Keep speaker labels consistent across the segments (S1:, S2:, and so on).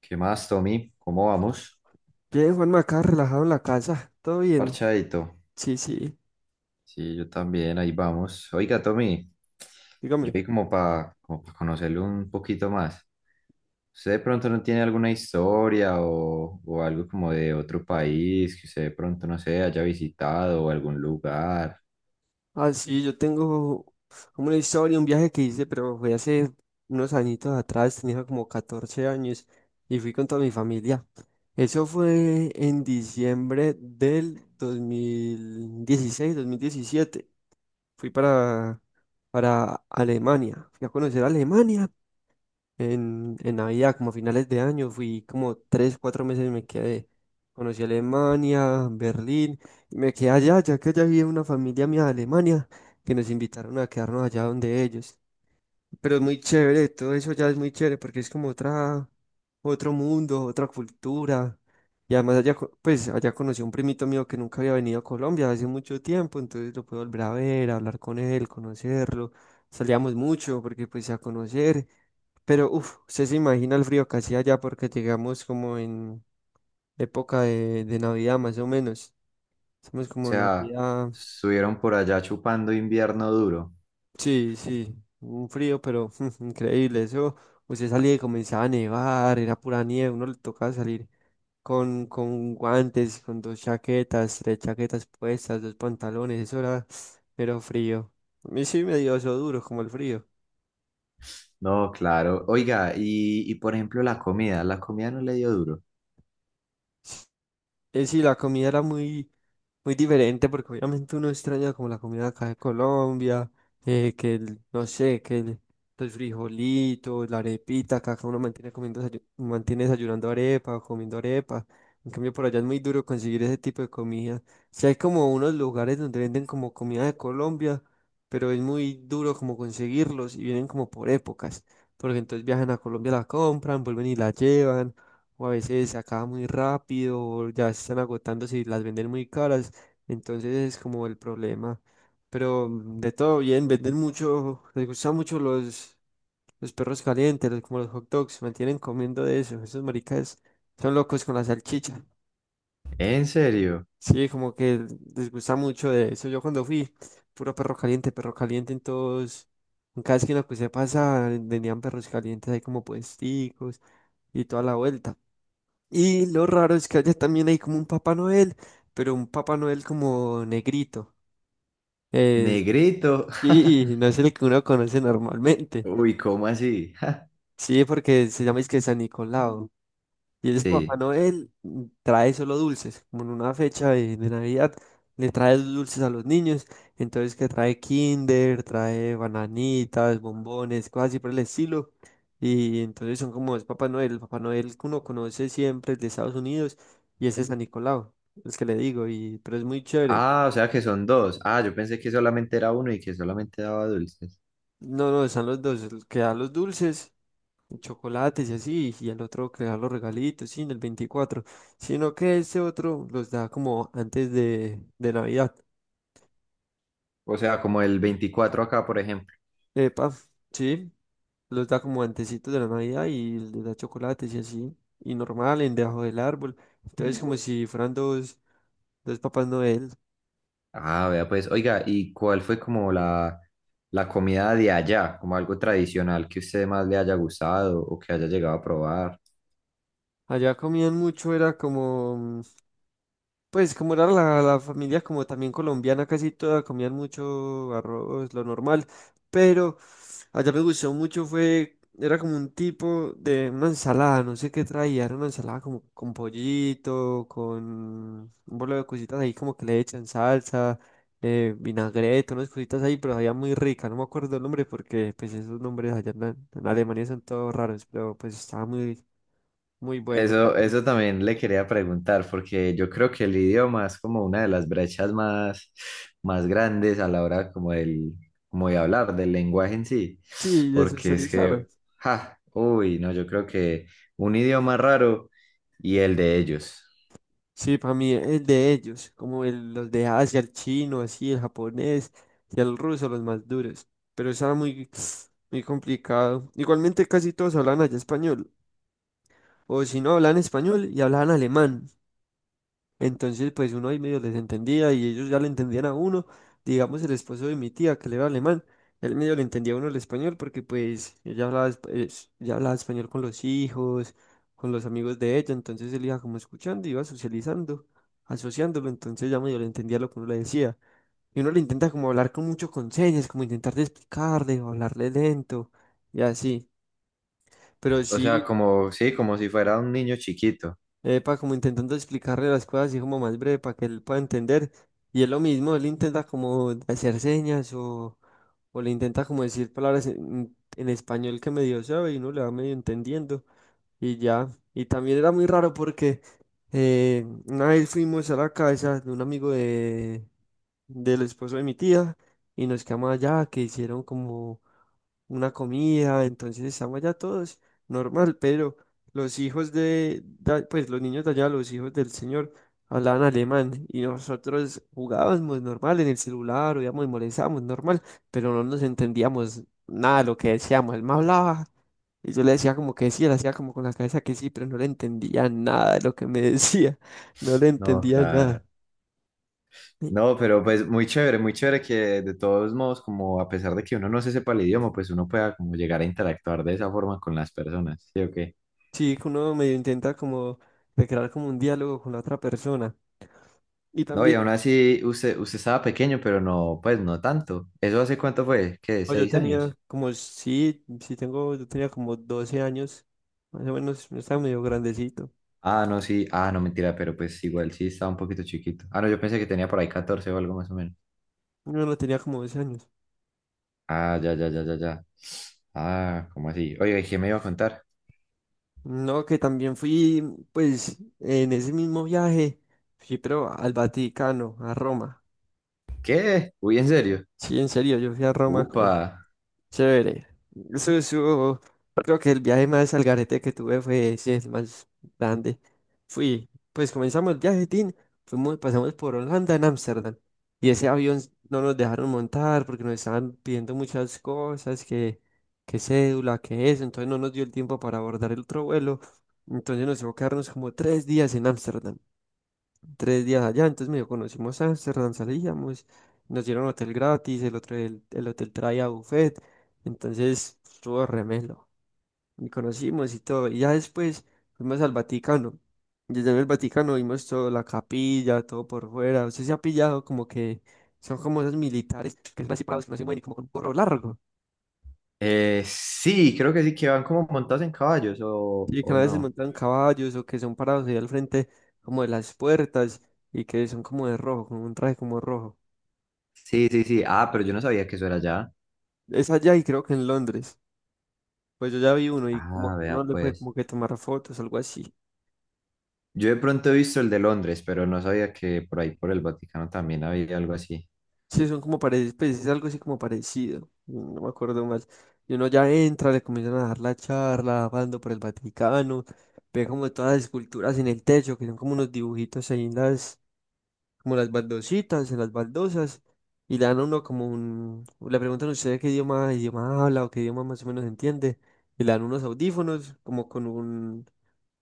S1: ¿Qué más, Tommy? ¿Cómo vamos?
S2: Bien, Juanma, acá relajado en la casa. ¿Todo bien?
S1: Parchadito.
S2: Sí, sí.
S1: Sí, yo también, ahí vamos. Oiga, Tommy, yo
S2: Dígame.
S1: ahí como para como pa conocerlo un poquito más. ¿Usted de pronto no tiene alguna historia o algo como de otro país que usted de pronto, no sé, haya visitado o algún lugar?
S2: Ah, sí, yo tengo como una historia, un viaje que hice, pero fue hace unos añitos atrás, tenía como 14 años y fui con toda mi familia. Eso fue en diciembre del 2016, 2017. Fui para Alemania. Fui a conocer Alemania. En Navidad, como a finales de año, fui como 3, 4 meses y me quedé. Conocí Alemania, Berlín, y me quedé allá, ya que allá había una familia mía de Alemania, que nos invitaron a quedarnos allá donde ellos. Pero es muy chévere, todo eso ya es muy chévere, porque es como otra, otro mundo, otra cultura. Y además allá, pues allá conocí a un primito mío que nunca había venido a Colombia hace mucho tiempo, entonces lo pude volver a ver, hablar con él, conocerlo. Salíamos mucho porque pues a conocer. Pero, uff, usted se imagina el frío que hacía allá porque llegamos como en época de Navidad, más o menos. Estamos
S1: O
S2: como
S1: sea,
S2: Navidad.
S1: estuvieron por allá chupando invierno duro.
S2: Sí, sí, un frío, pero increíble. Eso, usted salía y comenzaba a nevar, era pura nieve. Uno le tocaba salir con guantes, con dos chaquetas, tres chaquetas puestas, dos pantalones. Eso era, pero frío. A mí sí me dio eso duro, como el frío.
S1: No, claro. Oiga, y por ejemplo la comida no le dio duro.
S2: Sí, la comida era muy, muy diferente porque obviamente uno extraña como la comida acá de Colombia, que el, no sé, que el frijolito, la arepita, acá que uno mantiene comiendo, mantiene desayunando arepa o comiendo arepa. En cambio, por allá es muy duro conseguir ese tipo de comida. Si hay como unos lugares donde venden como comida de Colombia, pero es muy duro como conseguirlos y vienen como por épocas, porque entonces viajan a Colombia, la compran, vuelven y la llevan o a veces se acaba muy rápido, o ya se están agotando si las venden muy caras, entonces es como el problema. Pero de todo bien, venden mucho, les gustan mucho los perros calientes, como los hot dogs, se mantienen comiendo de eso, esos maricas son locos con la salchicha.
S1: ¿En serio?
S2: Sí, como que les gusta mucho de eso. Yo cuando fui, puro perro caliente en todos, en cada esquina que se pasa, vendían perros calientes ahí como puesticos y toda la vuelta. Y lo raro es que allá también hay como un Papá Noel, pero un Papá Noel como negrito. Eh,
S1: Negrito.
S2: sí, no es el que uno conoce normalmente.
S1: Uy, ¿cómo así?
S2: Sí, porque se llama es que San Nicolau. Y el Papá
S1: Sí.
S2: Noel trae solo dulces, como en una fecha de Navidad, le trae dulces a los niños, entonces que trae Kinder, trae bananitas, bombones, cosas así por el estilo. Y entonces son como es Papá Noel, el Papá Noel que uno conoce siempre, el de Estados Unidos, y ese es San Nicolau, el que le digo, y, pero es muy chévere.
S1: Ah, o sea que son dos. Ah, yo pensé que solamente era uno y que solamente daba dulces.
S2: No, no, están los dos, el que da los dulces, chocolates y así, y el otro crear los regalitos, sí, en el 24, sino que ese otro los da como antes de Navidad.
S1: O sea, como el 24 acá, por ejemplo.
S2: Epa, sí, los da como antecitos de la Navidad y les da chocolates y así, y normal, en debajo del árbol. Entonces, como si fueran dos, dos papás Noel.
S1: Ah, vea, pues, oiga, ¿y cuál fue como la comida de allá? Como algo tradicional que usted más le haya gustado o que haya llegado a probar.
S2: Allá comían mucho, era como, pues como era la familia como también colombiana, casi toda, comían mucho arroz, lo normal, pero allá me gustó mucho, fue, era como un tipo de una ensalada, no sé qué traía, era una ensalada como con pollito, con un bolo de cositas ahí como que le echan salsa, vinagreta, unas cositas ahí, pero sabía muy rica, no me acuerdo el nombre porque pues esos nombres allá en Alemania son todos raros, pero pues estaba muy, muy bueno.
S1: Eso también le quería preguntar, porque yo creo que el idioma es como una de las brechas más, más grandes a la hora como del, como de hablar, del lenguaje en sí,
S2: Sí, de
S1: porque es
S2: socializar.
S1: que, ja, uy, no, yo creo que un idioma raro y el de ellos.
S2: Sí, para mí es de ellos, como los de Asia, el chino, así, el japonés y el ruso, los más duros. Pero está muy, muy complicado. Igualmente casi todos hablan allá español, o si no hablan español y hablan alemán. Entonces, pues uno ahí medio les entendía y ellos ya le entendían a uno. Digamos, el esposo de mi tía, que le era alemán, él medio le entendía a uno el español porque pues ella hablaba, ella hablaba español con los hijos, con los amigos de ella. Entonces él iba como escuchando, iba socializando, asociándolo. Entonces ya medio le entendía lo que uno le decía. Y uno le intenta como hablar con mucho con señas, como intentar de explicarle o hablarle lento y así. Pero
S1: O
S2: sí.
S1: sea, como, sí, como si fuera un niño chiquito.
S2: Epa, como intentando explicarle las cosas así como más breve para que él pueda entender. Y es lo mismo, él intenta como hacer señas o le intenta como decir palabras en español que medio sabe y uno le va medio entendiendo y ya. Y también era muy raro porque una vez fuimos a la casa de un amigo de, del esposo de mi tía y nos quedamos allá, que hicieron como una comida, entonces estamos allá todos normal, pero los hijos pues los niños de allá, los hijos del señor, hablaban alemán y nosotros jugábamos normal en el celular, oíamos y molestábamos normal, pero no nos entendíamos nada de lo que decíamos, él me hablaba. Y yo le decía como que sí, él hacía como con la cabeza que sí, pero no le entendía nada de lo que me decía, no le
S1: No,
S2: entendía
S1: claro.
S2: nada.
S1: No, pero pues muy chévere que de todos modos, como a pesar de que uno no se sepa el idioma, pues uno pueda como llegar a interactuar de esa forma con las personas, ¿sí o qué?
S2: Sí, que uno medio intenta como de crear como un diálogo con la otra persona. Y
S1: No, y
S2: también,
S1: aún así usted, usted estaba pequeño, pero no, pues no tanto. ¿Eso hace cuánto fue? ¿Qué?
S2: pues, yo
S1: ¿Seis
S2: tenía
S1: años?
S2: como, sí, sí yo tenía como 12 años, más o menos, yo estaba medio grandecito.
S1: Ah, no, sí. Ah, no, mentira, pero pues igual sí estaba un poquito chiquito. Ah, no, yo pensé que tenía por ahí 14 o algo más o menos.
S2: Yo no tenía como 12 años.
S1: Ah, ya, ya, ya, ya, ya. Ah, ¿cómo así? Oye, ¿y qué me iba a contar?
S2: No, que también fui, pues, en ese mismo viaje, fui, pero al Vaticano, a Roma.
S1: ¿Qué? Uy, ¿en serio?
S2: Sí, en serio, yo fui a Roma
S1: Upa.
S2: con, chévere. Eso, creo que el viaje más al garete que tuve fue, sí, el más grande. Fui, pues comenzamos el viaje, tin, fuimos, pasamos por Holanda en Ámsterdam. Y ese avión no nos dejaron montar porque nos estaban pidiendo muchas cosas, que cédula, que eso. Entonces no nos dio el tiempo para abordar el otro vuelo. Entonces nos tocó quedarnos como 3 días en Ámsterdam, 3 días allá, entonces medio conocimos Ámsterdam, salíamos, nos dieron hotel gratis, el otro el hotel traía buffet, entonces estuvo remelo, y conocimos y todo, y ya después fuimos al Vaticano, desde el Vaticano vimos toda la capilla, todo por fuera, usted se ha pillado como que son como esos militares que son así parados, que no se mueven y como con un gorro largo,
S1: Sí, creo que sí, que van como montados en caballos o,
S2: y que a
S1: o
S2: veces
S1: no.
S2: montan caballos o que son parados ahí al frente como de las puertas y que son como de rojo, con un traje como rojo.
S1: Sí, sí, sí. Ah, pero yo no sabía que eso era allá.
S2: Es allá y creo que en Londres. Pues yo ya vi uno y como
S1: Ah,
S2: que
S1: vea,
S2: uno le puede
S1: pues.
S2: como que tomar fotos, algo así.
S1: Yo de pronto he visto el de Londres, pero no sabía que por ahí por el Vaticano también había algo así.
S2: Sí, son como parecidos, pues es algo así como parecido. No me acuerdo más. Y uno ya entra, le comienzan a dar la charla, hablando por el Vaticano, ve como todas las esculturas en el techo, que son como unos dibujitos ahí en las, como las baldositas, en las baldosas, y le dan a uno como un, le preguntan a usted qué idioma, idioma habla o qué idioma más o menos entiende, y le dan unos audífonos, como con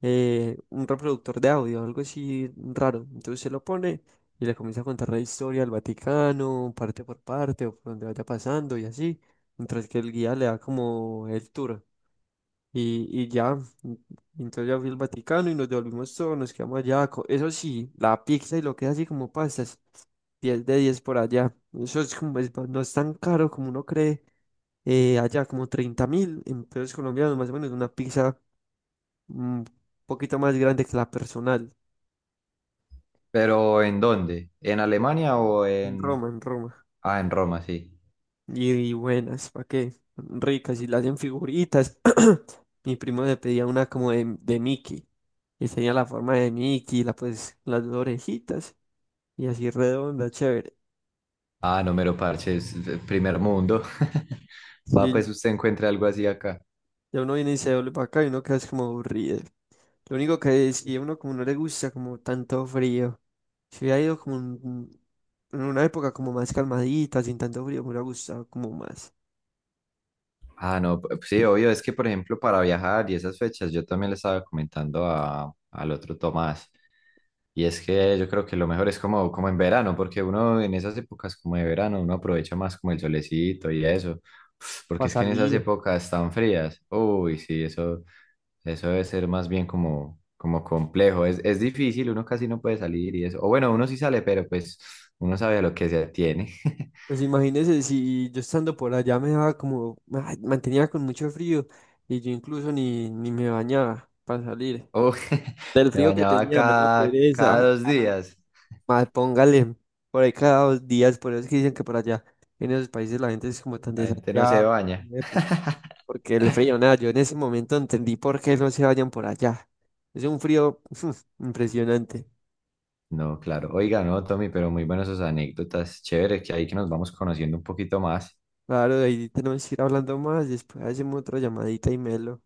S2: un reproductor de audio, algo así raro. Entonces se lo pone y le comienza a contar la historia del Vaticano, parte por parte, o por donde vaya pasando y así, mientras que el guía le da como el tour. Y ya, y entonces ya fui al Vaticano y nos devolvimos todos, nos quedamos allá. Eso sí, la pizza y lo que es así como pastas, 10 de 10 por allá. Eso es como, no es tan caro como uno cree. Allá como 30.000 en pesos colombianos, más o menos una pizza, un poquito más grande que la personal.
S1: ¿Pero en dónde? ¿En Alemania o
S2: En
S1: en...
S2: Roma, en Roma.
S1: Ah, en Roma, sí.
S2: Y buenas, ¿para qué? Ricas y las hacen figuritas. Mi primo le pedía una como de Mickey. Y tenía la forma de Mickey, la, pues, las dos orejitas. Y así redonda, chévere.
S1: Ah, no me lo parches, primer mundo. Va,
S2: Sí, ya,
S1: pues usted encuentra algo así acá.
S2: ya uno viene y se doble para acá y uno queda es como aburrido. Lo único que es, y a uno como no le gusta como tanto frío. Si hubiera ido como en una época como más calmadita, sin tanto frío, me hubiera gustado como más.
S1: Ah, no, p- sí, obvio, es que por ejemplo para viajar y esas fechas, yo también le estaba comentando a, al otro Tomás. Y es que yo creo que lo mejor es como, como en verano, porque uno en esas épocas como de verano, uno aprovecha más como el solecito y eso, porque
S2: Para
S1: es que en esas
S2: salir.
S1: épocas tan frías, uy, sí, eso debe ser más bien como, como complejo, es difícil, uno casi no puede salir y eso, o bueno, uno sí sale, pero pues uno sabe a lo que se atiene.
S2: Pues imagínese si yo estando por allá me daba como, ay, mantenía con mucho frío y yo incluso ni me bañaba para salir.
S1: Uy,
S2: Del
S1: me
S2: frío que
S1: bañaba
S2: tenía me daba
S1: cada,
S2: pereza
S1: cada dos
S2: bañarme.
S1: días,
S2: Más póngale, por ahí cada 2 días, por eso es que dicen que por allá en esos países la gente es como tan
S1: la gente no se
S2: desafiada,
S1: baña.
S2: porque el frío, nada, yo en ese momento entendí por qué no se vayan por allá. Es un frío impresionante.
S1: No, claro. Oiga, no, Tommy, pero muy buenas sus anécdotas. Chévere que ahí que nos vamos conociendo un poquito más.
S2: Claro, de ahí tenemos que ir hablando más, después hacemos otra llamadita y melo.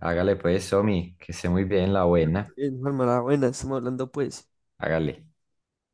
S1: Hágale pues, Somi, que esté muy bien la buena.
S2: Bien, Juanma, la buena, estamos hablando pues.
S1: Hágale.